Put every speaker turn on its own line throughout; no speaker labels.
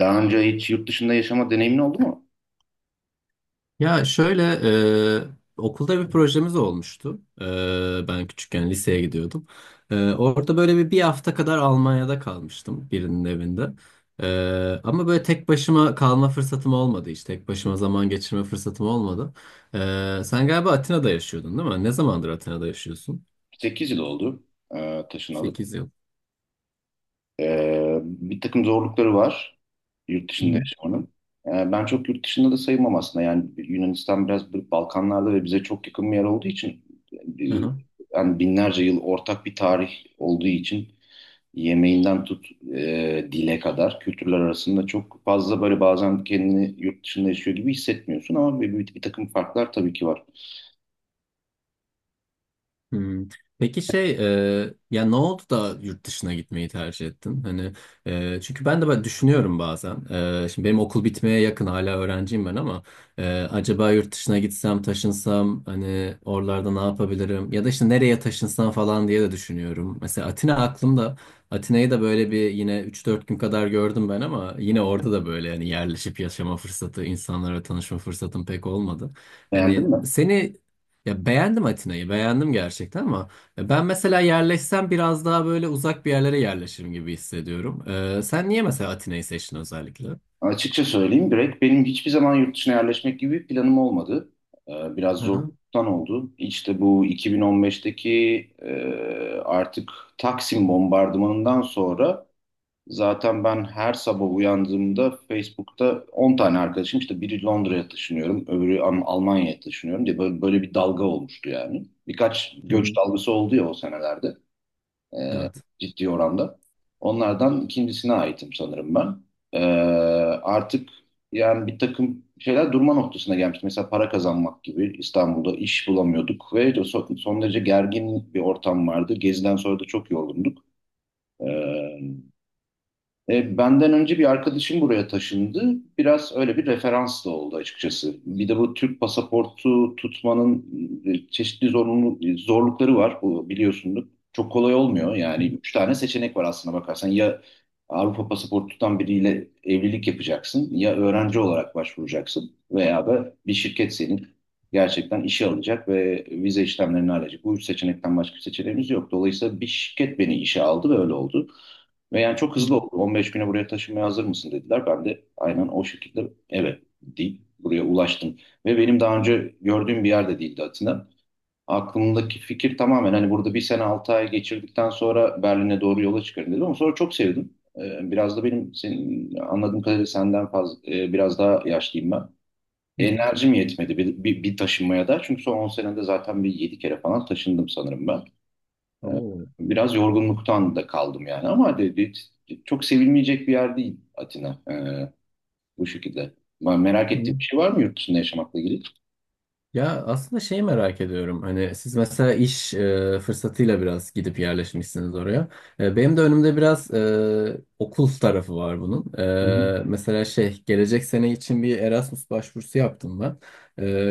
Daha önce hiç yurt dışında yaşama deneyimin oldu mu?
Ya şöyle okulda bir projemiz olmuştu. Ben küçükken liseye gidiyordum. Orada böyle bir hafta kadar Almanya'da kalmıştım birinin evinde. Ama böyle tek başıma kalma fırsatım olmadı işte. Tek başıma zaman geçirme fırsatım olmadı. Sen galiba Atina'da yaşıyordun değil mi? Ne zamandır Atina'da yaşıyorsun?
8 yıl oldu, taşınalı.
8 yıl.
Bir takım zorlukları var yurt
Hı
dışında
hı.
yaşamanın. Ben çok yurt dışında da sayılmam aslında. Yani Yunanistan biraz bir Balkanlarda ve bize çok yakın bir yer olduğu için e,
Hı hı.
yani binlerce yıl ortak bir tarih olduğu için yemeğinden tut dile kadar kültürler arasında çok fazla böyle bazen kendini yurt dışında yaşıyor gibi hissetmiyorsun ama bir takım farklar tabii ki var.
Hmm. Peki ya ne oldu da yurt dışına gitmeyi tercih ettin? Hani çünkü ben de böyle düşünüyorum bazen. Şimdi benim okul bitmeye yakın hala öğrenciyim ben ama acaba yurt dışına gitsem taşınsam hani oralarda ne yapabilirim? Ya da işte nereye taşınsam falan diye de düşünüyorum. Mesela Atina aklımda. Atina'yı da böyle bir yine 3-4 gün kadar gördüm ben ama yine orada da böyle hani yerleşip yaşama fırsatı, insanlara tanışma fırsatım pek olmadı. Hani
Beğendin mi?
seni, ya beğendim Atina'yı, beğendim gerçekten ama ya ben mesela yerleşsem biraz daha böyle uzak bir yerlere yerleşirim gibi hissediyorum. Sen niye mesela Atina'yı seçtin özellikle? Hı
Açıkça söyleyeyim, direkt benim hiçbir zaman yurt dışına yerleşmek gibi bir planım olmadı. Biraz
hı.
zorluktan oldu. İşte bu 2015'teki e, artık Taksim bombardımanından sonra zaten ben her sabah uyandığımda Facebook'ta 10 tane arkadaşım işte biri Londra'ya taşınıyorum, öbürü Almanya'ya taşınıyorum diye böyle, böyle bir dalga olmuştu yani. Birkaç
Hı
göç
hı.
dalgası oldu ya o senelerde e,
Evet.
ciddi oranda. Onlardan ikincisine aitim sanırım ben. E, Artık yani bir takım şeyler durma noktasına gelmişti. Mesela para kazanmak gibi, İstanbul'da iş bulamıyorduk ve de son derece gergin bir ortam vardı. Geziden sonra da çok yorgunduk. E, Benden önce bir arkadaşım buraya taşındı. Biraz öyle bir referans da oldu açıkçası. Bir de bu Türk pasaportu tutmanın çeşitli zorunlu, zorlukları var. Bu, biliyorsunuz. Çok kolay olmuyor. Yani üç tane seçenek var aslına bakarsan. Ya Avrupa pasaportu tutan biriyle evlilik yapacaksın, ya öğrenci olarak başvuracaksın, veya da bir şirket senin gerçekten işe alacak ve vize işlemlerini halledecek. Bu üç seçenekten başka bir seçeneğimiz yok. Dolayısıyla bir şirket beni işe aldı ve öyle oldu. Ve yani çok
Hı hı.
hızlı oldu. 15 güne buraya taşınmaya hazır mısın dediler. Ben de aynen o şekilde evet deyip buraya ulaştım. Ve benim daha önce gördüğüm bir yerde değildi Atina. Aklımdaki fikir tamamen hani burada bir sene 6 ay geçirdikten sonra Berlin'e doğru yola çıkarım dedim. Ama sonra çok sevdim. Biraz da benim, senin anladığım kadarıyla senden fazla, biraz daha yaşlıyım ben.
Hı hı.
Enerjim yetmedi bir taşınmaya da. Çünkü son 10 senede zaten bir 7 kere falan taşındım sanırım ben. Ee, Biraz yorgunluktan da kaldım yani, ama dedi, çok sevilmeyecek bir yer değil Atina, bu şekilde. Ben, merak ettiğim
Oo.
bir şey var mı yurt dışında yaşamakla ilgili?
Ya aslında şey merak ediyorum. Hani siz mesela iş fırsatıyla biraz gidip yerleşmişsiniz oraya. Benim de önümde biraz okul tarafı var bunun.
Hı hı.
Mesela şey, gelecek sene için bir Erasmus başvurusu yaptım ben.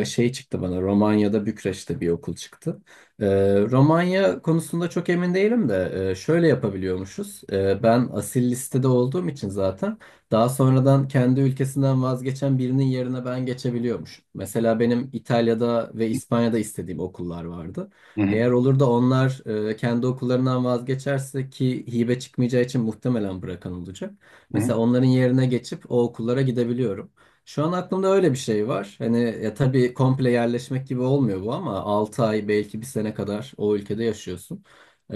Şey çıktı bana, Romanya'da Bükreş'te bir okul çıktı. E, Romanya konusunda çok emin değilim de şöyle yapabiliyormuşuz. Ben asil listede olduğum için zaten. Daha sonradan kendi ülkesinden vazgeçen birinin yerine ben geçebiliyormuş. Mesela benim İtalya'da ve İspanya'da istediğim okullar vardı.
Hı hı.
Eğer olur da onlar kendi okullarından vazgeçerse, ki hibe çıkmayacağı için muhtemelen bırakan olacak,
Hı hı.
mesela onların yerine geçip o okullara gidebiliyorum. Şu an aklımda öyle bir şey var. Hani, ya tabii komple yerleşmek gibi olmuyor bu ama 6 ay, belki bir sene kadar o ülkede yaşıyorsun. Ee,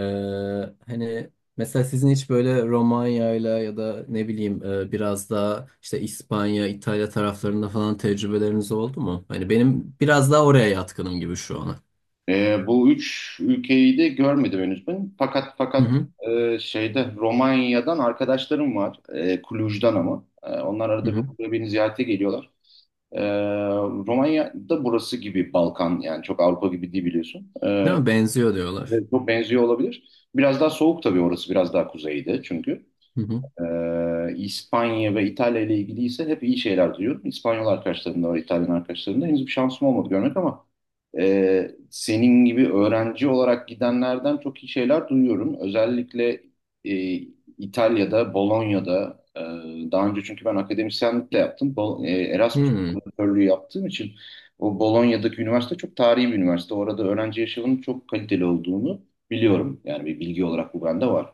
hani, mesela sizin hiç böyle Romanya'yla ya da ne bileyim biraz daha işte İspanya, İtalya taraflarında falan tecrübeleriniz oldu mu? Hani benim biraz daha oraya yatkınım gibi şu ana.
Bu üç ülkeyi de görmedim henüz ben. Fakat
Hı
fakat
hı,
şeyde, Romanya'dan arkadaşlarım var. Cluj'dan ama. Onlar
hı
arada bir
hı.
buraya beni ziyarete geliyorlar. Ee, Romanya da burası gibi Balkan, yani çok Avrupa gibi değil biliyorsun.
Değil mi? Benziyor diyorlar.
Evet, çok benziyor olabilir. Biraz daha soğuk tabii orası, biraz daha kuzeyde çünkü.
Hı hı.
İspanya ve İtalya ile ilgili ise hep iyi şeyler duyuyorum. İspanyol arkadaşlarımda ve İtalyan arkadaşlarımda henüz bir şansım olmadı görmek, ama senin gibi öğrenci olarak gidenlerden çok iyi şeyler duyuyorum. Özellikle e, İtalya'da, Bolonya'da, daha önce, çünkü ben akademisyenlik de yaptım.
Hı
Erasmus
hı,
profesörlüğü yaptığım için, o Bolonya'daki üniversite çok tarihi bir üniversite. Orada öğrenci yaşamının çok kaliteli olduğunu biliyorum. Yani bir bilgi olarak bu bende var,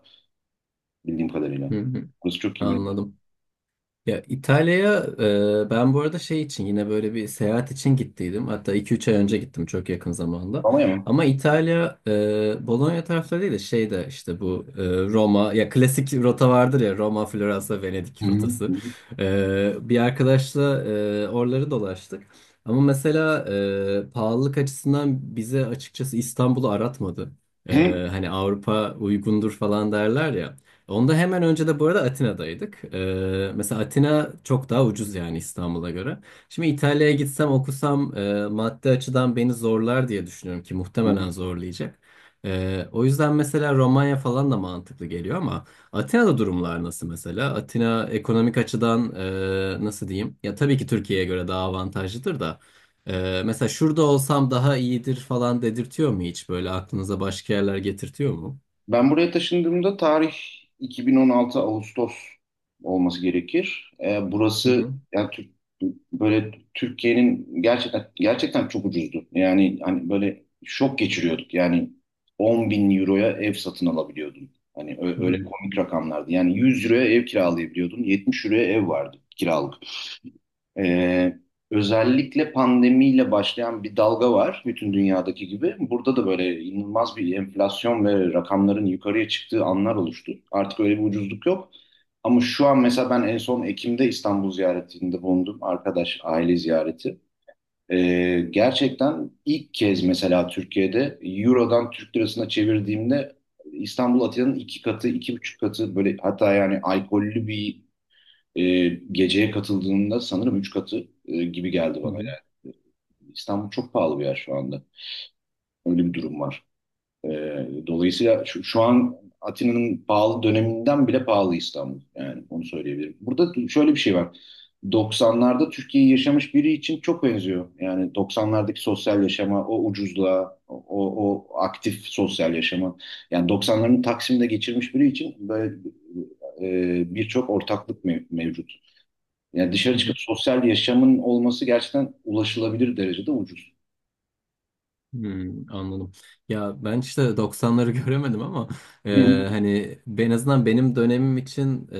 bildiğim kadarıyla.
hı hı.
Burası çok iyi bir üniversite.
Anladım. Ya İtalya'ya ben bu arada şey için, yine böyle bir seyahat için gittiydim. Hatta 2-3 ay önce gittim, çok yakın zamanda.
Roma'ya mı?
Ama İtalya, Bologna tarafları değil de şeyde, işte bu Roma, ya klasik rota vardır ya, Roma, Floransa,
Hı
Venedik
hı.
rotası.
Hı
Bir arkadaşla oraları dolaştık. Ama mesela pahalılık açısından bize açıkçası İstanbul'u aratmadı. E,
hı.
hani Avrupa uygundur falan derler ya. Onda hemen önce de bu arada Atina'daydık. Mesela Atina çok daha ucuz yani, İstanbul'a göre. Şimdi İtalya'ya gitsem okusam maddi açıdan beni zorlar diye düşünüyorum, ki
Hı hı.
muhtemelen zorlayacak. O yüzden mesela Romanya falan da mantıklı geliyor ama Atina'da durumlar nasıl mesela? Atina ekonomik açıdan nasıl diyeyim? Ya, tabii ki Türkiye'ye göre daha avantajlıdır da. Mesela şurada olsam daha iyidir falan dedirtiyor mu hiç? Böyle aklınıza başka yerler getirtiyor mu?
Ben buraya taşındığımda tarih 2016 Ağustos olması gerekir.
Hı
Burası
hı.
yani böyle Türkiye'nin, gerçekten gerçekten çok ucuzdu. Yani hani böyle şok geçiriyorduk. Yani 10 bin euroya ev satın alabiliyordun. Hani
Hı
öyle
hı.
komik rakamlardı. Yani 100 euroya ev kiralayabiliyordun. 70 euroya ev vardı kiralık. Ee, Özellikle pandemiyle başlayan bir dalga var, bütün dünyadaki gibi. Burada da böyle inanılmaz bir enflasyon ve rakamların yukarıya çıktığı anlar oluştu. Artık öyle bir ucuzluk yok. Ama şu an mesela, ben en son Ekim'de İstanbul ziyaretinde bulundum. Arkadaş, aile ziyareti. Gerçekten ilk kez mesela Türkiye'de Euro'dan Türk lirasına çevirdiğimde, İstanbul Atina'nın iki katı, iki buçuk katı böyle, hatta yani alkollü bir geceye katıldığında sanırım 3 katı, gibi geldi
Hı
bana yani. İstanbul çok pahalı bir yer şu anda. Öyle bir durum var. E, Dolayısıyla şu an Atina'nın pahalı döneminden bile pahalı İstanbul. Yani onu söyleyebilirim. Burada şöyle bir şey var. 90'larda Türkiye'yi yaşamış biri için çok benziyor. Yani 90'lardaki sosyal yaşama, o ucuzluğa, o aktif sosyal yaşama. Yani 90'ların Taksim'de geçirmiş biri için böyle birçok ortaklık mevcut. Yani dışarı çıkıp
hı.
sosyal yaşamın olması gerçekten ulaşılabilir derecede ucuz.
Hmm, anladım. Ya ben işte 90'ları göremedim ama
Hı.
hani en azından benim dönemim için,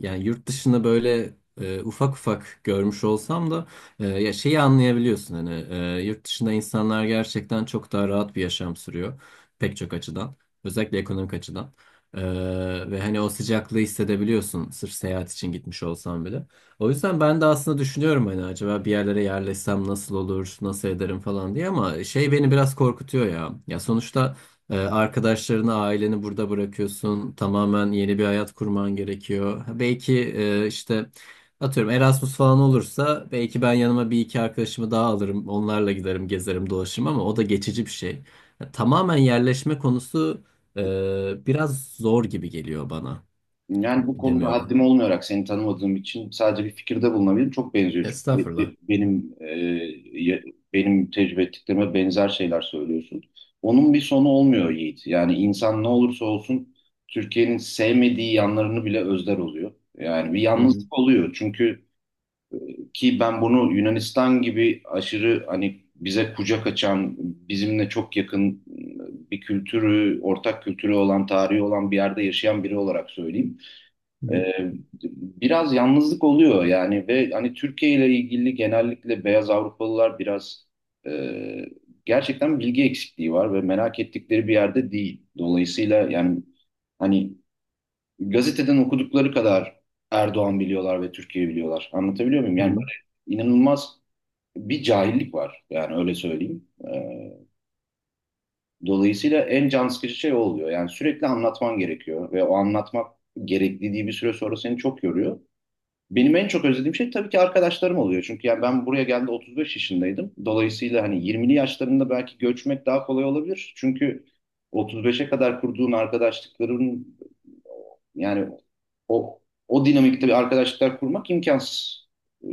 yani yurt dışını böyle ufak ufak görmüş olsam da, ya şeyi anlayabiliyorsun hani, yurt dışında insanlar gerçekten çok daha rahat bir yaşam sürüyor, pek çok açıdan, özellikle ekonomik açıdan. E, ve hani o sıcaklığı hissedebiliyorsun sırf seyahat için gitmiş olsam bile. O yüzden ben de aslında düşünüyorum, hani acaba bir yerlere yerleşsem nasıl olur, nasıl ederim falan diye, ama şey beni biraz korkutuyor ya. Ya sonuçta arkadaşlarını, aileni burada bırakıyorsun. Tamamen yeni bir hayat kurman gerekiyor. Ha, belki işte atıyorum Erasmus falan olursa belki ben yanıma bir iki arkadaşımı daha alırım. Onlarla giderim, gezerim, dolaşırım ama o da geçici bir şey. Ya, tamamen yerleşme konusu biraz zor gibi geliyor bana.
Yani
Yani
bu konuda
bilemiyorum.
haddim olmayarak, seni tanımadığım için sadece bir fikirde bulunabilirim. Çok benziyor, çünkü
Estağfurullah.
benim ya- benim tecrübe ettiklerime benzer şeyler söylüyorsun. Onun bir sonu olmuyor Yiğit. Yani insan ne olursa olsun, Türkiye'nin sevmediği yanlarını bile özler oluyor. Yani bir
Hı hı.
yalnızlık oluyor. Ki ben bunu Yunanistan gibi aşırı hani bize kucak açan, bizimle çok yakın bir kültürü, ortak kültürü olan, tarihi olan bir yerde yaşayan biri olarak söyleyeyim.
Hı hı.
Ee, Biraz yalnızlık oluyor yani, ve hani Türkiye ile ilgili genellikle beyaz Avrupalılar biraz e, gerçekten bilgi eksikliği var ve merak ettikleri bir yerde değil. Dolayısıyla yani hani gazeteden okudukları kadar Erdoğan biliyorlar ve Türkiye biliyorlar. Anlatabiliyor muyum?
Hı
Yani
hı,
böyle inanılmaz bir cahillik var. Yani öyle söyleyeyim. Ee, Dolayısıyla en can sıkıcı şey o oluyor. Yani sürekli anlatman gerekiyor ve o anlatmak gerekliliği bir süre sonra seni çok yoruyor. Benim en çok özlediğim şey tabii ki arkadaşlarım oluyor. Çünkü yani, ben buraya geldiğimde 35 yaşındaydım. Dolayısıyla hani 20'li yaşlarında belki göçmek daha kolay olabilir. Çünkü 35'e kadar kurduğun arkadaşlıkların, yani o o dinamikte bir arkadaşlıklar kurmak imkansız,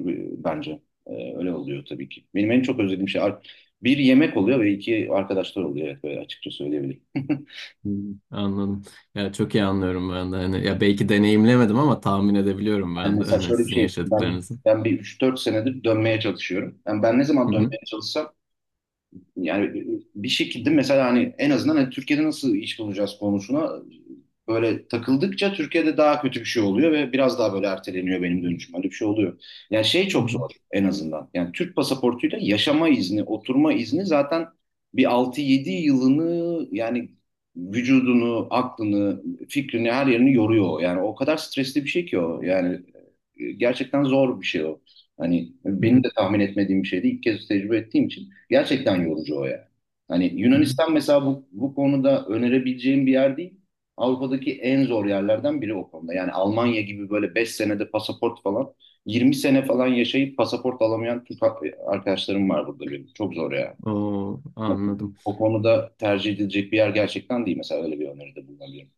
bence. Öyle oluyor tabii ki. Benim en çok özlediğim şey bir yemek oluyor ve iki arkadaşlar oluyor. Evet, böyle açıkça söyleyebilirim.
hı hı. Anladım. Ya çok iyi anlıyorum ben de. Hani, ya belki deneyimlemedim ama tahmin edebiliyorum
Yani
ben de
mesela
hani
şöyle bir
sizin
şey, ben
yaşadıklarınızı.
ben bir üç dört senedir dönmeye çalışıyorum. Yani ben ne zaman
Hı hı,
dönmeye çalışsam yani bir şekilde mesela, hani en azından hani Türkiye'de nasıl iş bulacağız konusuna böyle takıldıkça, Türkiye'de daha kötü bir şey oluyor ve biraz daha böyle erteleniyor benim dönüşüm. Öyle bir şey oluyor. Yani şey
hı
çok
hı,
zor en azından. Yani Türk pasaportuyla yaşama izni, oturma izni zaten bir altı yedi yılını yani, vücudunu, aklını, fikrini, her yerini yoruyor. Yani o kadar stresli bir şey ki o. Yani gerçekten zor bir şey o. Hani
hı
benim
hı,
de tahmin etmediğim bir şeydi, İlk kez tecrübe ettiğim için. Gerçekten yorucu o ya. Hani
hı hı.
Yunanistan mesela bu konuda önerebileceğim bir yer değil. Avrupa'daki en zor yerlerden biri o konuda. Yani Almanya gibi böyle 5 senede pasaport falan, 20 sene falan yaşayıp pasaport alamayan Türk arkadaşlarım var burada benim. Çok zor ya.
Oo, anladım.
O konuda tercih edilecek bir yer gerçekten değil. Mesela öyle bir öneride bulunabilirim.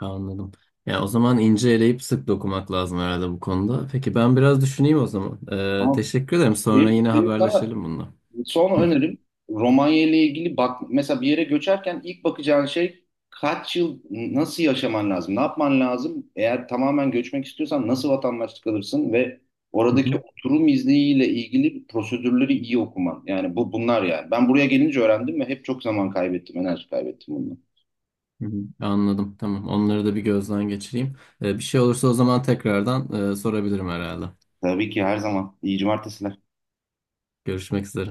Anladım. Ya o zaman ince eleyip sık dokumak lazım herhalde bu konuda. Peki ben biraz düşüneyim o zaman. Ee,
Ama
teşekkür ederim. Sonra
benim,
yine
benim sana
haberleşelim bununla.
son
Hı
önerim, Romanya ile ilgili bak mesela, bir yere göçerken ilk bakacağın şey, kaç yıl nasıl yaşaman lazım? Ne yapman lazım? Eğer tamamen göçmek istiyorsan nasıl vatandaşlık alırsın ve
hı,
oradaki
hı
oturum izniyle ilgili prosedürleri iyi okuman. Yani bu bunlar yani. Ben buraya gelince öğrendim ve hep çok zaman kaybettim, enerji kaybettim bundan.
hı. Hı. Anladım. Tamam. Onları da bir gözden geçireyim. Bir şey olursa o zaman tekrardan sorabilirim herhalde.
Tabii ki, her zaman. İyi cumartesiler.
Görüşmek üzere.